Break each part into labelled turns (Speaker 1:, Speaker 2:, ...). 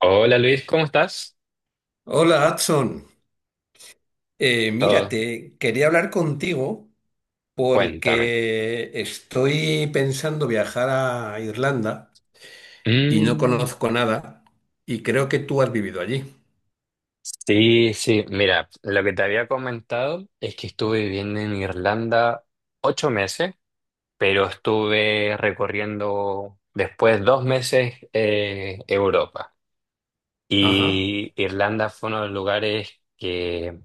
Speaker 1: Hola Luis, ¿cómo estás?
Speaker 2: Hola, Adson. Mira,
Speaker 1: Todo.
Speaker 2: te quería hablar contigo
Speaker 1: Cuéntame.
Speaker 2: porque estoy pensando viajar a Irlanda y no
Speaker 1: Mm,
Speaker 2: conozco nada y creo que tú has vivido allí.
Speaker 1: sí, sí, mira, lo que te había comentado es que estuve viviendo en Irlanda 8 meses, pero estuve recorriendo después 2 meses Europa.
Speaker 2: Ajá.
Speaker 1: Y Irlanda fue uno de los lugares que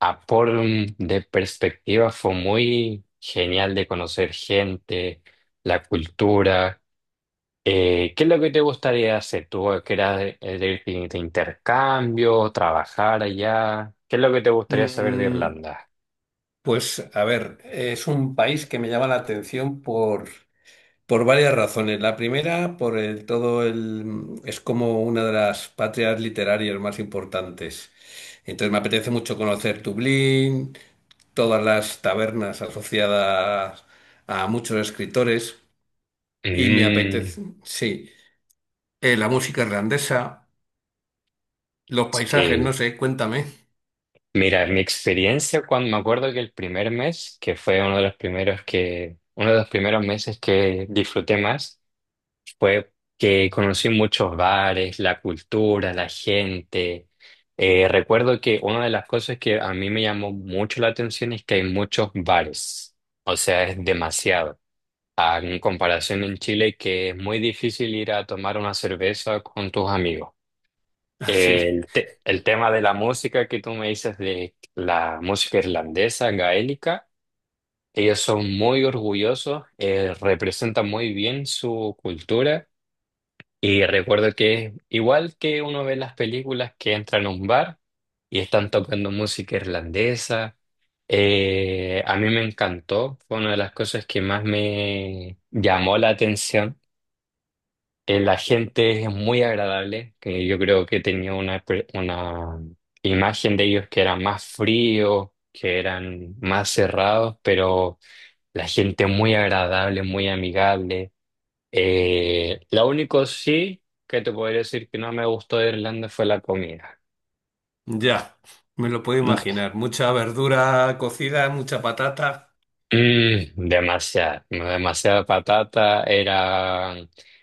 Speaker 1: a por de perspectiva fue muy genial de conocer gente, la cultura. ¿Qué es lo que te gustaría hacer? ¿Tú querías de ir de intercambio, trabajar allá? ¿Qué es lo que te gustaría saber de
Speaker 2: Mm,
Speaker 1: Irlanda?
Speaker 2: pues a ver, es un país que me llama la atención por varias razones. La primera, por es como una de las patrias literarias más importantes. Entonces me apetece mucho conocer Dublín, todas las tabernas asociadas a muchos escritores y me
Speaker 1: Mm,
Speaker 2: apetece, sí, la música irlandesa, los paisajes,
Speaker 1: sí.
Speaker 2: no sé, cuéntame.
Speaker 1: Mira, mi experiencia cuando me acuerdo que el primer mes, que fue uno de los primeros que, uno de los primeros meses que disfruté más, fue que conocí muchos bares, la cultura, la gente. Recuerdo que una de las cosas que a mí me llamó mucho la atención es que hay muchos bares. O sea, es demasiado. Ah, en comparación en Chile, que es muy difícil ir a tomar una cerveza con tus amigos.
Speaker 2: Así,
Speaker 1: El tema de la música que tú me dices de la música irlandesa, gaélica, ellos son muy orgullosos, representan muy bien su cultura. Y recuerdo que igual que uno ve las películas que entran a un bar y están tocando música irlandesa. A mí me encantó, fue una de las cosas que más me llamó la atención. La gente es muy agradable, que yo creo que tenía una imagen de ellos que eran más fríos, que eran más cerrados, pero la gente muy agradable, muy amigable. Lo único sí que te podría decir que no me gustó de Irlanda fue la comida.
Speaker 2: ya, me lo puedo
Speaker 1: Mm,
Speaker 2: imaginar. Mucha verdura cocida, mucha patata.
Speaker 1: mm, demasiada patata, era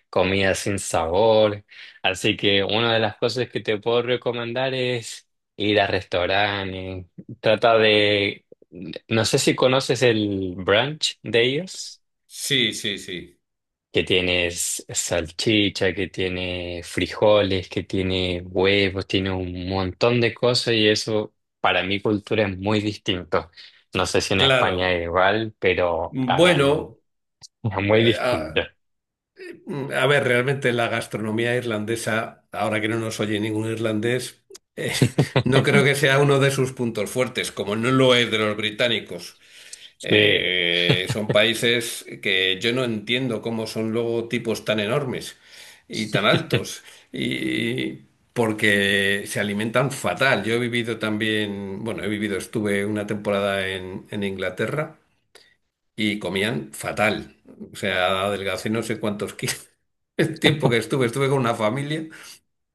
Speaker 1: comida sin sabor. Así que una de las cosas que te puedo recomendar es ir a restaurantes. Trata de, no sé si conoces el brunch de ellos,
Speaker 2: Sí, sí, sí,
Speaker 1: que tienes salchicha, que tiene frijoles, que tiene huevos, tiene un montón de cosas y eso para mi cultura es muy distinto. No sé si en España
Speaker 2: claro.
Speaker 1: es igual, pero
Speaker 2: Bueno,
Speaker 1: es muy
Speaker 2: eh,
Speaker 1: distinto.
Speaker 2: ah, A ver, realmente la gastronomía irlandesa, ahora que no nos oye ningún irlandés, eh, no creo que sea uno de sus puntos fuertes, como no lo es de los británicos.
Speaker 1: Sí,
Speaker 2: Son países que yo no entiendo cómo son luego tipos tan enormes y tan altos, y porque se alimentan fatal. Yo he vivido también, bueno, he vivido, estuve una temporada en Inglaterra y comían fatal. O sea, adelgacé no sé cuántos kilos. El tiempo que estuve con una familia,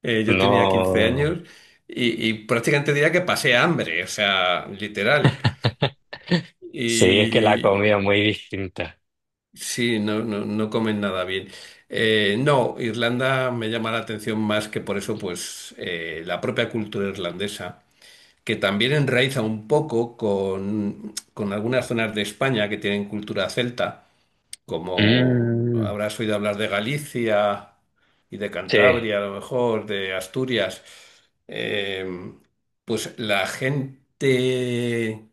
Speaker 2: yo tenía 15
Speaker 1: no.
Speaker 2: años y prácticamente diría que pasé hambre, o sea, literal.
Speaker 1: Sí, es que la
Speaker 2: Y
Speaker 1: comida es muy distinta.
Speaker 2: sí, no comen nada bien. No, Irlanda me llama la atención más que por eso, pues, la propia cultura irlandesa, que también enraiza un poco con algunas zonas de España que tienen cultura celta. Como
Speaker 1: Mm,
Speaker 2: habrás oído hablar de Galicia y de
Speaker 1: sí,
Speaker 2: Cantabria, a lo mejor, de Asturias, eh, pues la gente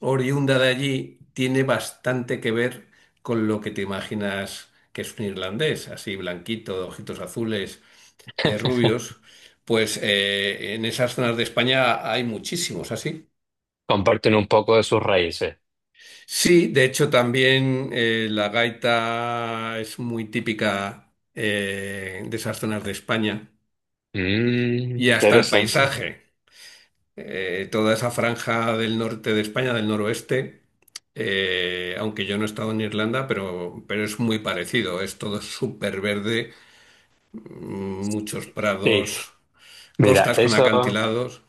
Speaker 2: oriunda de allí tiene bastante que ver con lo que te imaginas que es un irlandés, así blanquito, de ojitos azules, rubios, en esas zonas de España hay muchísimos así.
Speaker 1: comparten un poco de sus raíces.
Speaker 2: Sí, de hecho también, la gaita es muy típica, de esas zonas de España
Speaker 1: Mm,
Speaker 2: y hasta el
Speaker 1: interesante.
Speaker 2: paisaje. Toda esa franja del norte de España, del noroeste, aunque yo no he estado en Irlanda, pero es muy parecido. Es todo súper verde, muchos
Speaker 1: Sí,
Speaker 2: prados,
Speaker 1: mira,
Speaker 2: costas con
Speaker 1: eso.
Speaker 2: acantilados.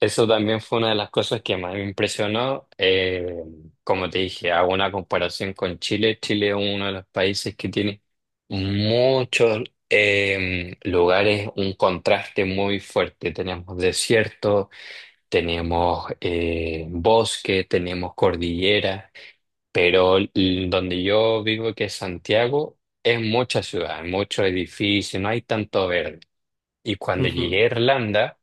Speaker 1: Eso también fue una de las cosas que más me impresionó. Como te dije, hago una comparación con Chile. Chile es uno de los países que tiene muchos lugares, un contraste muy fuerte. Tenemos desierto, tenemos bosque, tenemos cordillera, pero donde yo vivo, que es Santiago, es mucha ciudad, hay muchos edificios, no hay tanto verde. Y cuando llegué
Speaker 2: Ujú.
Speaker 1: a Irlanda,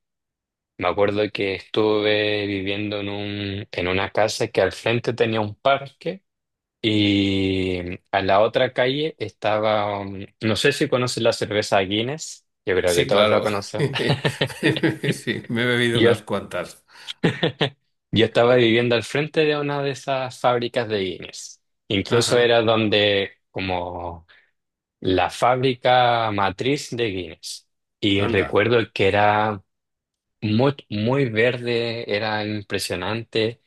Speaker 1: me acuerdo que estuve viviendo en en una casa que al frente tenía un parque y a la otra calle estaba, no sé si conoces la cerveza Guinness, yo creo que
Speaker 2: Sí,
Speaker 1: todos la
Speaker 2: claro.
Speaker 1: conocen.
Speaker 2: Sí, me he bebido
Speaker 1: Yo,
Speaker 2: unas cuantas.
Speaker 1: yo estaba viviendo al frente de una de esas fábricas de Guinness. Incluso
Speaker 2: Ajá,
Speaker 1: era donde como la fábrica matriz de Guinness. Y
Speaker 2: anda.
Speaker 1: recuerdo que era muy, muy verde, era impresionante.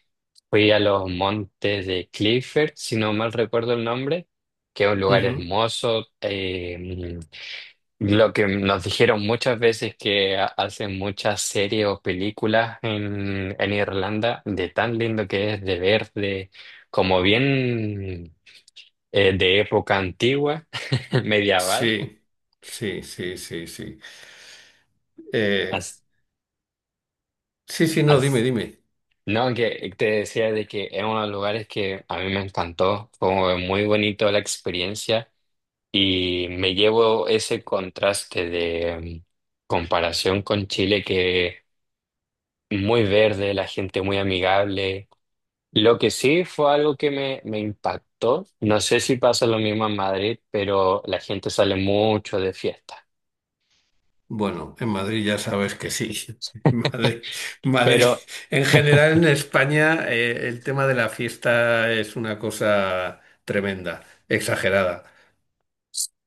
Speaker 1: Fui a los montes de Clifford, si no mal recuerdo el nombre, que es un lugar
Speaker 2: Ujú.
Speaker 1: hermoso. Lo que nos dijeron muchas veces que hacen muchas series o películas en Irlanda, de tan lindo que es de ver, de como bien, de época antigua, medieval.
Speaker 2: Sí, sí, sí, sí, sí. Eh,
Speaker 1: As-
Speaker 2: sí, sí, no, dime,
Speaker 1: as-
Speaker 2: dime.
Speaker 1: no, que te decía de que es uno de los lugares que a mí me encantó, fue muy bonito la experiencia. Y me llevo ese contraste de comparación con Chile que muy verde, la gente muy amigable. Lo que sí fue algo que me impactó, no sé si pasa lo mismo en Madrid, pero la gente sale mucho de fiesta.
Speaker 2: Bueno, en Madrid ya sabes que sí. Madrid, Madrid.
Speaker 1: Pero
Speaker 2: En general, en España, el tema de la fiesta es una cosa tremenda, exagerada.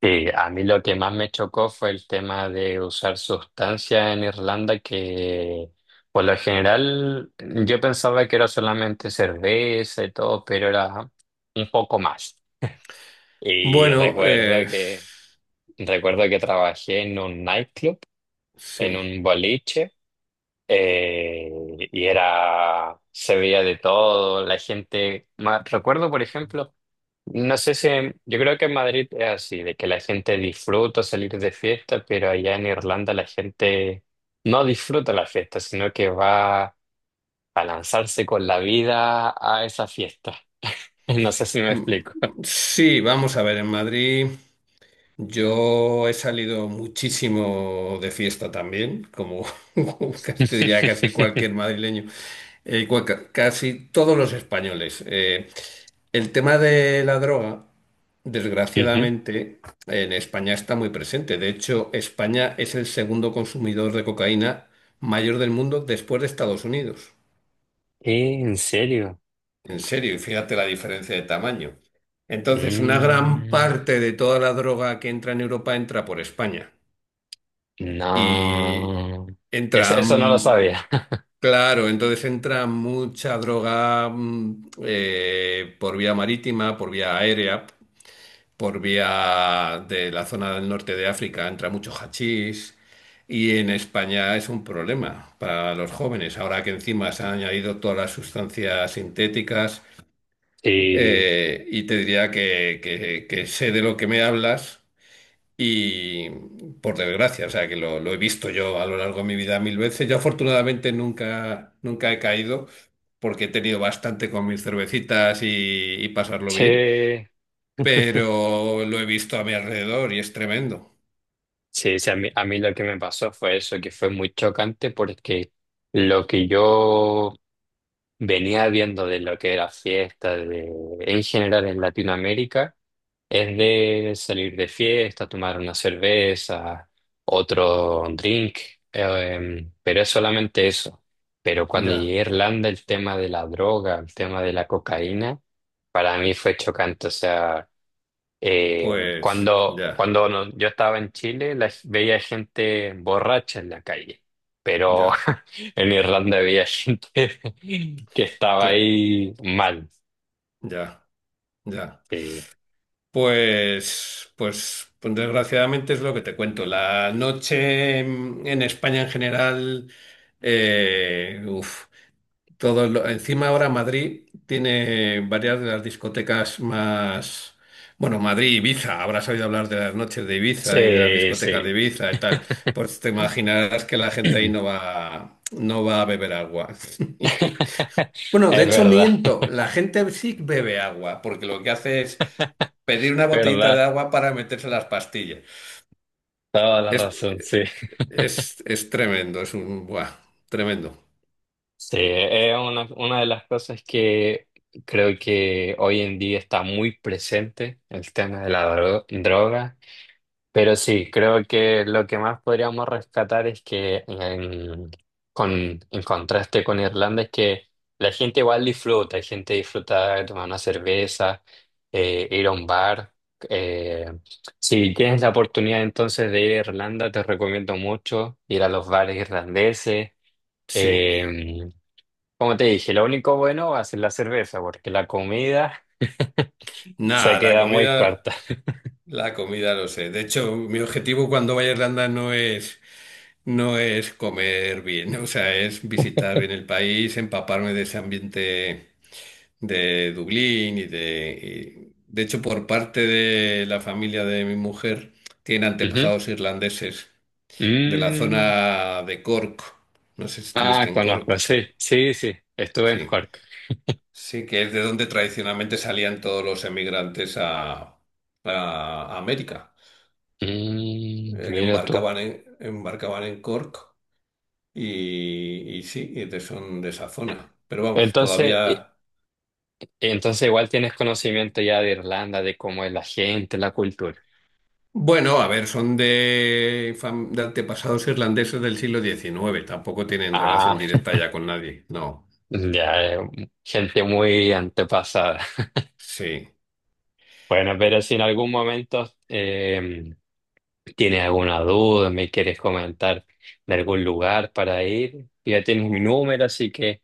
Speaker 1: sí, a mí lo que más me chocó fue el tema de usar sustancias en Irlanda que... Por lo general, yo pensaba que era solamente cerveza y todo, pero era un poco más. Y
Speaker 2: Bueno,
Speaker 1: recuerdo
Speaker 2: eh,
Speaker 1: que, recuerdo que trabajé en un nightclub, en
Speaker 2: sí.
Speaker 1: un boliche, eh, y era, se veía de todo, la gente, recuerdo por ejemplo, no sé si, yo creo que en Madrid es así, de que la gente disfruta salir de fiesta, pero allá en Irlanda la gente no disfruta la fiesta, sino que va a lanzarse con la vida a esa fiesta. No sé si me
Speaker 2: Mm,
Speaker 1: explico.
Speaker 2: Sí, vamos a ver, en Madrid. Yo he salido muchísimo de fiesta también, como te diría casi cualquier madrileño, casi todos los españoles. El tema de la droga,
Speaker 1: Ujú.
Speaker 2: desgraciadamente, en España está muy presente. De hecho, España es el segundo consumidor de cocaína mayor del mundo después de Estados Unidos.
Speaker 1: ¿En serio?
Speaker 2: En serio, y fíjate la diferencia de tamaño. Entonces, una gran
Speaker 1: Mm,
Speaker 2: parte de toda la droga que entra en Europa entra por España. Y
Speaker 1: no. Es-
Speaker 2: entra,
Speaker 1: eso no lo
Speaker 2: mm,
Speaker 1: sabía.
Speaker 2: claro, entonces entra mucha droga, por vía marítima, por vía aérea, por vía de la zona del norte de África, entra mucho hachís y en España es un problema para los jóvenes, ahora que encima se han añadido todas las sustancias sintéticas,
Speaker 1: Sí,
Speaker 2: y te diría que sé de lo que me hablas y por desgracia, o sea, que lo he visto yo a lo largo de mi vida mil veces. Yo afortunadamente nunca, nunca he caído porque he tenido bastante con mis cervecitas y pasarlo bien,
Speaker 1: sí,
Speaker 2: pero lo he visto a mi alrededor y es tremendo.
Speaker 1: sí, sí, a mí lo que me pasó fue eso, que fue muy chocante porque lo que yo venía viendo de lo que era fiesta, en general en Latinoamérica, es de salir de fiesta, tomar una cerveza, otro drink, pero es solamente eso. Pero cuando
Speaker 2: Ya,
Speaker 1: llegué a Irlanda, el tema de la droga, el tema de la cocaína. Para mí fue chocante, o sea,
Speaker 2: pues, ya,
Speaker 1: cuando yo estaba en Chile veía gente borracha en la calle, pero
Speaker 2: ya,
Speaker 1: en Irlanda veía gente que estaba
Speaker 2: cla-
Speaker 1: ahí mal.
Speaker 2: ya, ya.
Speaker 1: Sí,
Speaker 2: Pues desgraciadamente es lo que te cuento. La noche en España en general... Eh, uf, Todo encima ahora Madrid tiene varias de las discotecas más, bueno, Madrid, Ibiza, habrás oído hablar de las noches de Ibiza y de las
Speaker 1: sí,
Speaker 2: discotecas de
Speaker 1: sí.
Speaker 2: Ibiza y tal. Pues te imaginarás que la gente ahí no va a beber agua. Bueno, de
Speaker 1: Es
Speaker 2: hecho
Speaker 1: verdad,
Speaker 2: miento, la gente sí bebe agua, porque lo que hace es pedir una botellita de
Speaker 1: verdad,
Speaker 2: agua para meterse las pastillas.
Speaker 1: toda la
Speaker 2: Es,
Speaker 1: razón, sí.
Speaker 2: es tremendo, tremendo.
Speaker 1: Sí, es una de las cosas que creo que hoy en día está muy presente, el tema de la droga. Pero sí, creo que lo que más podríamos rescatar es que con, en contraste con Irlanda es que la gente igual disfruta, hay gente disfruta de tomar una cerveza, ir a un bar. eh, si tienes la oportunidad entonces de ir a Irlanda, te recomiendo mucho ir a los bares irlandeses.
Speaker 2: Sí.
Speaker 1: Eh, como te dije, lo único bueno va a ser la cerveza, porque la comida se
Speaker 2: Nada, la
Speaker 1: queda muy
Speaker 2: comida.
Speaker 1: corta.
Speaker 2: La comida lo sé. De hecho, mi objetivo cuando vaya a Irlanda no es comer bien, o sea, es visitar bien el país, empaparme de ese ambiente de Dublín de hecho, por parte de la familia de mi mujer, tiene
Speaker 1: Ujú.
Speaker 2: antepasados irlandeses de la
Speaker 1: Mm.
Speaker 2: zona de Cork. No sé si estuviste
Speaker 1: Ah,
Speaker 2: en
Speaker 1: conozco,
Speaker 2: Cork.
Speaker 1: sí, sí, sí, estuve en
Speaker 2: Sí.
Speaker 1: Cork.
Speaker 2: Sí, que es de donde tradicionalmente salían todos los emigrantes a América.
Speaker 1: Mm, mira tú.
Speaker 2: Embarcaban embarcaban en Cork y sí, son de esa zona. Pero vamos,
Speaker 1: Entonces,
Speaker 2: todavía...
Speaker 1: entonces igual tienes conocimiento ya de Irlanda, de cómo es la gente, la cultura.
Speaker 2: Bueno, a ver, son de antepasados irlandeses del siglo XIX, tampoco tienen relación
Speaker 1: Ah,
Speaker 2: directa ya con nadie, no.
Speaker 1: ya, gente muy antepasada.
Speaker 2: Sí,
Speaker 1: Bueno, pero si en algún momento, tienes alguna duda, me quieres comentar de algún lugar para ir, ya tienes mi número, así que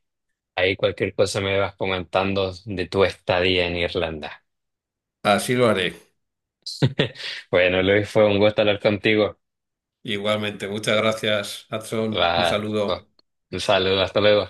Speaker 1: ahí cualquier cosa me vas comentando de tu estadía en Irlanda.
Speaker 2: así lo haré.
Speaker 1: Bueno, Luis, fue un gusto hablar contigo.
Speaker 2: Igualmente, muchas gracias, Adson. Un
Speaker 1: Va, va.
Speaker 2: saludo.
Speaker 1: Un saludo, hasta luego.